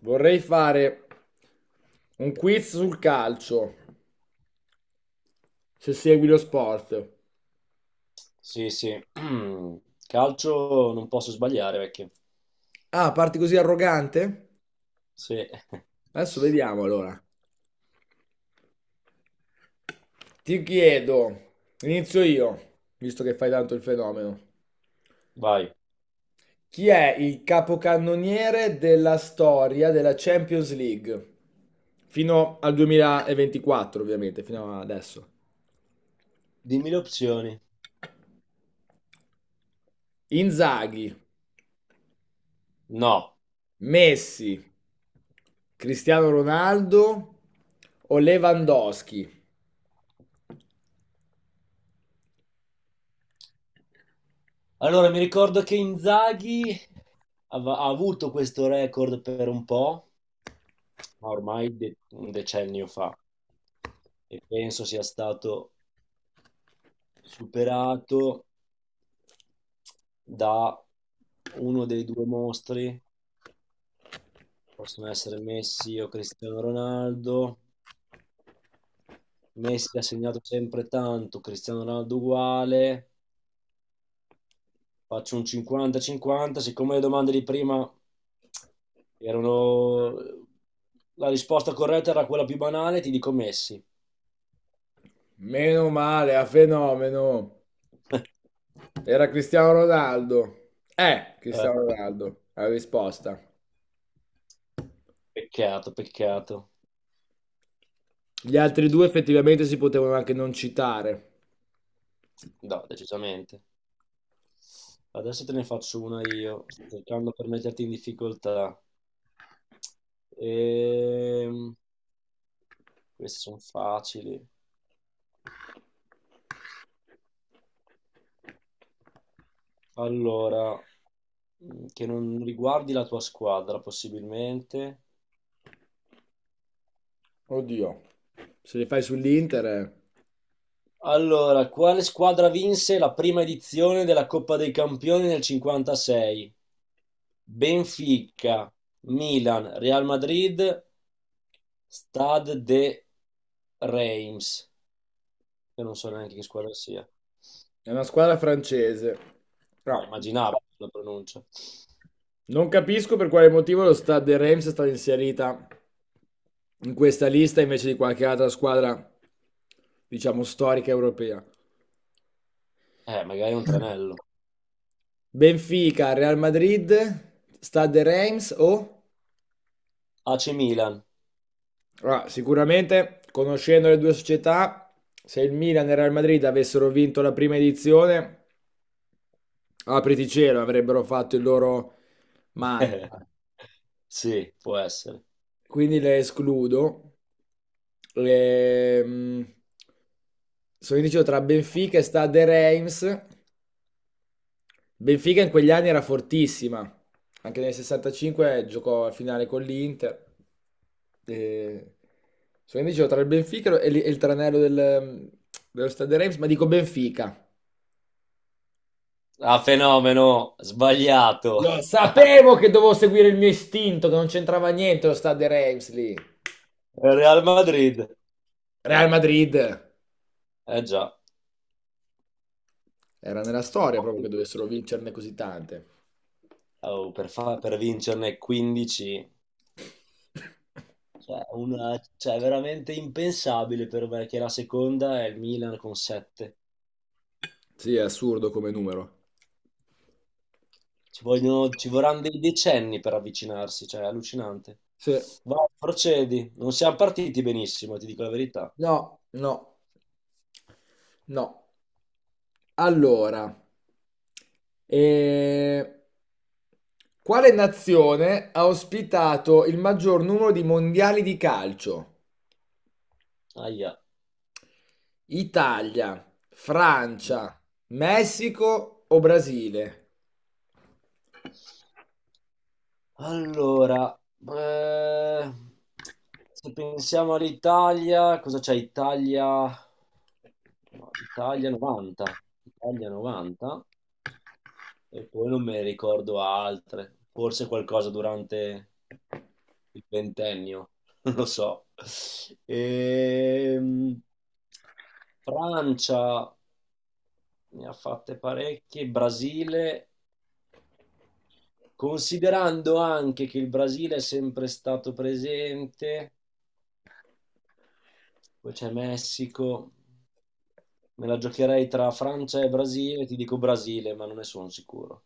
Vorrei fare un quiz sul calcio, se segui lo sport. Sì, sì. Calcio non posso sbagliare, vecchio. Ah, parti così arrogante? Sì, Adesso vediamo allora. Ti chiedo, inizio io, visto che fai tanto il fenomeno. vai. Chi è il capocannoniere della storia della Champions League? Fino al 2024, ovviamente, fino adesso. Dimmi le opzioni. Inzaghi, No. Messi, Cristiano Ronaldo o Lewandowski? Allora, mi ricordo che Inzaghi ha avuto questo record per un po', ma ormai un decennio fa, e penso sia stato superato da uno dei due mostri, possono essere Messi o Cristiano Ronaldo. Messi ha segnato sempre tanto, Cristiano Ronaldo uguale. Faccio un 50-50, siccome le domande di prima erano. La risposta corretta era quella più banale, ti dico Messi. Meno male, a fenomeno. Era Cristiano Ronaldo. Eh, Cristiano Ronaldo, la risposta. peccato, peccato. Gli altri due effettivamente si potevano anche non citare. No, decisamente. Adesso te ne faccio una io. Sto cercando per metterti in difficoltà. Ehm, queste sono facili. Allora, che non riguardi la tua squadra, possibilmente. Oddio, se li fai sull'Inter. Allora, quale squadra vinse la prima edizione della Coppa dei Campioni nel 56? Benfica, Milan, Real Madrid, Stade de Reims. Io non so neanche che squadra sia. È una squadra francese. Ah, Però immaginavo la pronuncia. non capisco per quale motivo lo Stade Reims è stata inserita in questa lista invece di qualche altra squadra, diciamo, storica europea. Magari è un tranello. Benfica, Real Madrid, Stade Reims o... AC Milan. Allora, sicuramente, conoscendo le due società, se il Milan e il Real Madrid avessero vinto la prima edizione, apriti cielo, avrebbero fatto il loro mantra. Sì, può essere. Quindi le escludo. Ehm, sono indeciso tra Benfica e Stade Reims. Benfica in quegli anni era fortissima, anche nel 65 giocò a finale con l'Inter. E... So, quindi dicevo tra il Benfica e il tranello dello Stade Reims, ma dico Benfica. Ah, fenomeno, sbagliato. Lo sapevo che dovevo seguire il mio istinto, che non c'entrava niente lo Stade Reims lì. Real Madrid. Real Madrid Eh già. era nella storia proprio che dovessero vincerne così tante. Oh, per vincerne 15, cioè, è veramente impensabile per me che la seconda è il Milan con 7. Sì, è assurdo come numero. Ci vorranno dei decenni per avvicinarsi, cioè, è allucinante. Sì. Vai, procedi. Non siamo partiti benissimo, ti dico la verità. No, no, no. Allora, eh, quale nazione ha ospitato il maggior numero di mondiali di calcio? Aia. Italia, Francia, Messico o Brasile? Allora, eh, se pensiamo all'Italia, cosa c'è? Italia, no, Italia 90, Italia 90. E poi non me ne ricordo altre, forse qualcosa durante il ventennio, non lo so. Ehm, Francia ne ha fatte parecchie, Brasile, considerando anche che il Brasile è sempre stato presente, poi c'è Messico, me la giocherei tra Francia e Brasile, ti dico Brasile, ma non ne sono sicuro.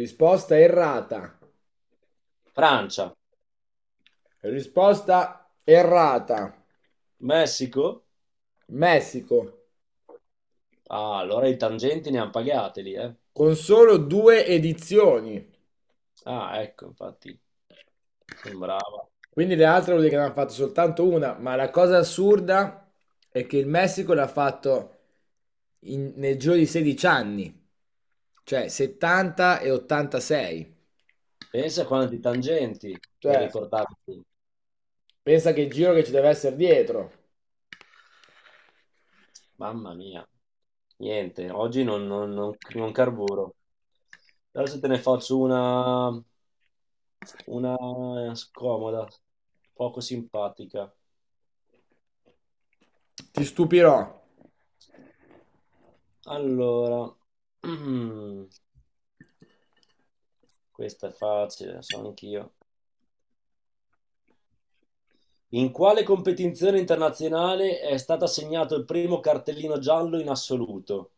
Risposta errata. Francia, Risposta errata. Messico? Messico, Ah, allora i tangenti ne hanno pagate lì, eh. con solo due edizioni. Ah, ecco, infatti. Sembrava. Quindi le altre vuol dire che ne hanno fatto soltanto una, ma la cosa assurda è che il Messico l'ha fatto nel giro di 16 anni, cioè 70 e 86. Pensa a quanti tangenti per Cioè, riportarti. pensa che il giro che ci deve essere dietro. Mamma mia. Niente, oggi non carburo. Adesso te ne faccio una scomoda, poco simpatica. Ti stupirò. Allora, questa è facile, lo so anch'io. In quale competizione internazionale è stato assegnato il primo cartellino giallo in assoluto?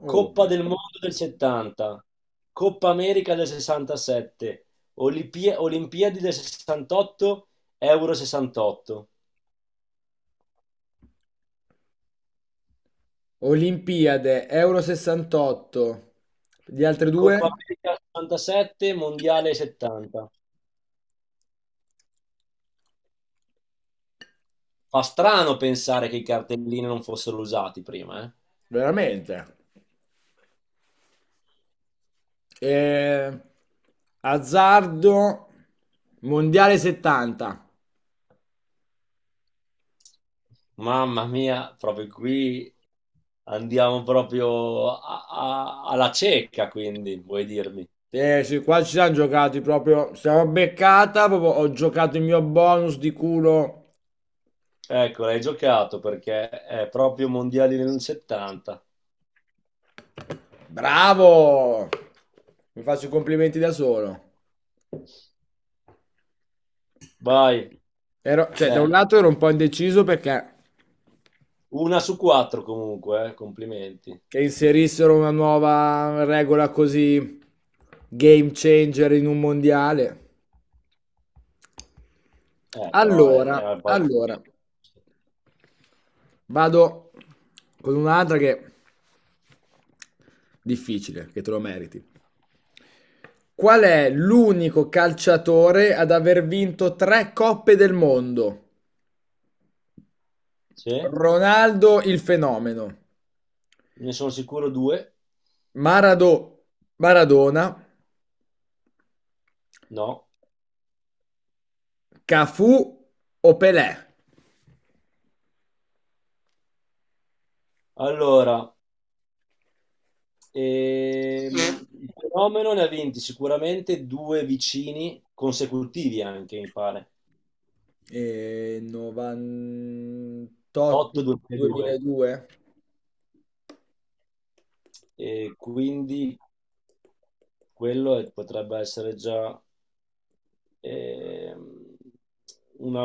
Oh. Coppa del Mondo del 70, Coppa America del 67, Olimpiadi del 68, Euro 68, Olimpiade, Euro 68, gli altri Coppa due? America 67, Mondiale 70. Fa strano pensare che i cartellini non fossero usati prima, eh? Veramente. Eh, azzardo, Mondiale 70. Mamma mia, proprio qui andiamo proprio alla cieca, quindi, vuoi dirmi? Eh sì, qua ci siamo giocati proprio. Siamo beccata, proprio ho giocato il mio bonus di culo. Ecco, l'hai giocato perché è proprio Mondiali del 70. Bravo! Mi faccio i complimenti da solo. Vai, Cioè, da un bene. lato ero un po' indeciso perché Una su quattro comunque, complimenti. che inserissero una nuova regola così game changer in un mondiale. Però Allora, era il palco. allora, vado con un'altra che è difficile, che te lo meriti. Qual è l'unico calciatore ad aver vinto tre Coppe del Mondo? Sì, ne Ronaldo il fenomeno, sono sicuro due. Marado- Maradona, No. Cafù o Pelé? Allora, ehm, il fenomeno ne ha vinti sicuramente due vicini consecutivi anche, mi pare. 8-2002. 98-2002. E quindi quello potrebbe essere già ehm, una,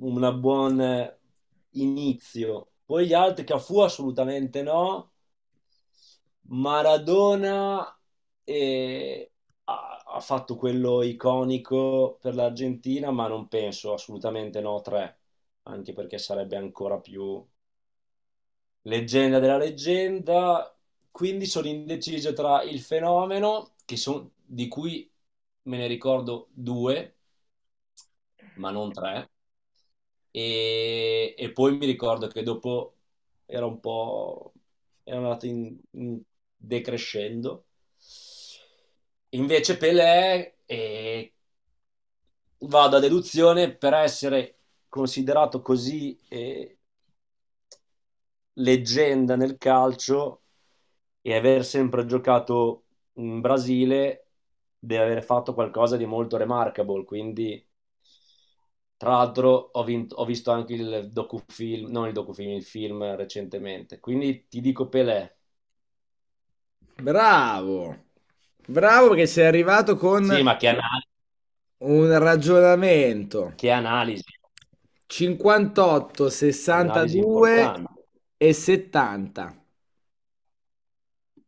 una buon inizio. Poi gli altri, Cafu assolutamente no. Maradona eh, ha fatto quello iconico per l'Argentina, ma non penso assolutamente no, tre, anche perché sarebbe ancora più leggenda della leggenda. Quindi sono indeciso tra il fenomeno, che di cui me ne ricordo due, ma non tre, E poi mi ricordo che dopo era un po', era andato in decrescendo. Invece Pelé vado a deduzione per essere considerato così leggenda nel calcio e aver sempre giocato in Brasile deve aver fatto qualcosa di molto remarkable. Quindi, tra l'altro, ho visto anche il docufilm, non il docufilm, il film recentemente. Quindi ti dico Pelé. Bravo, bravo che sei arrivato Sì, con ma un ragionamento. che analisi, 58, analisi 62 importante. e 70.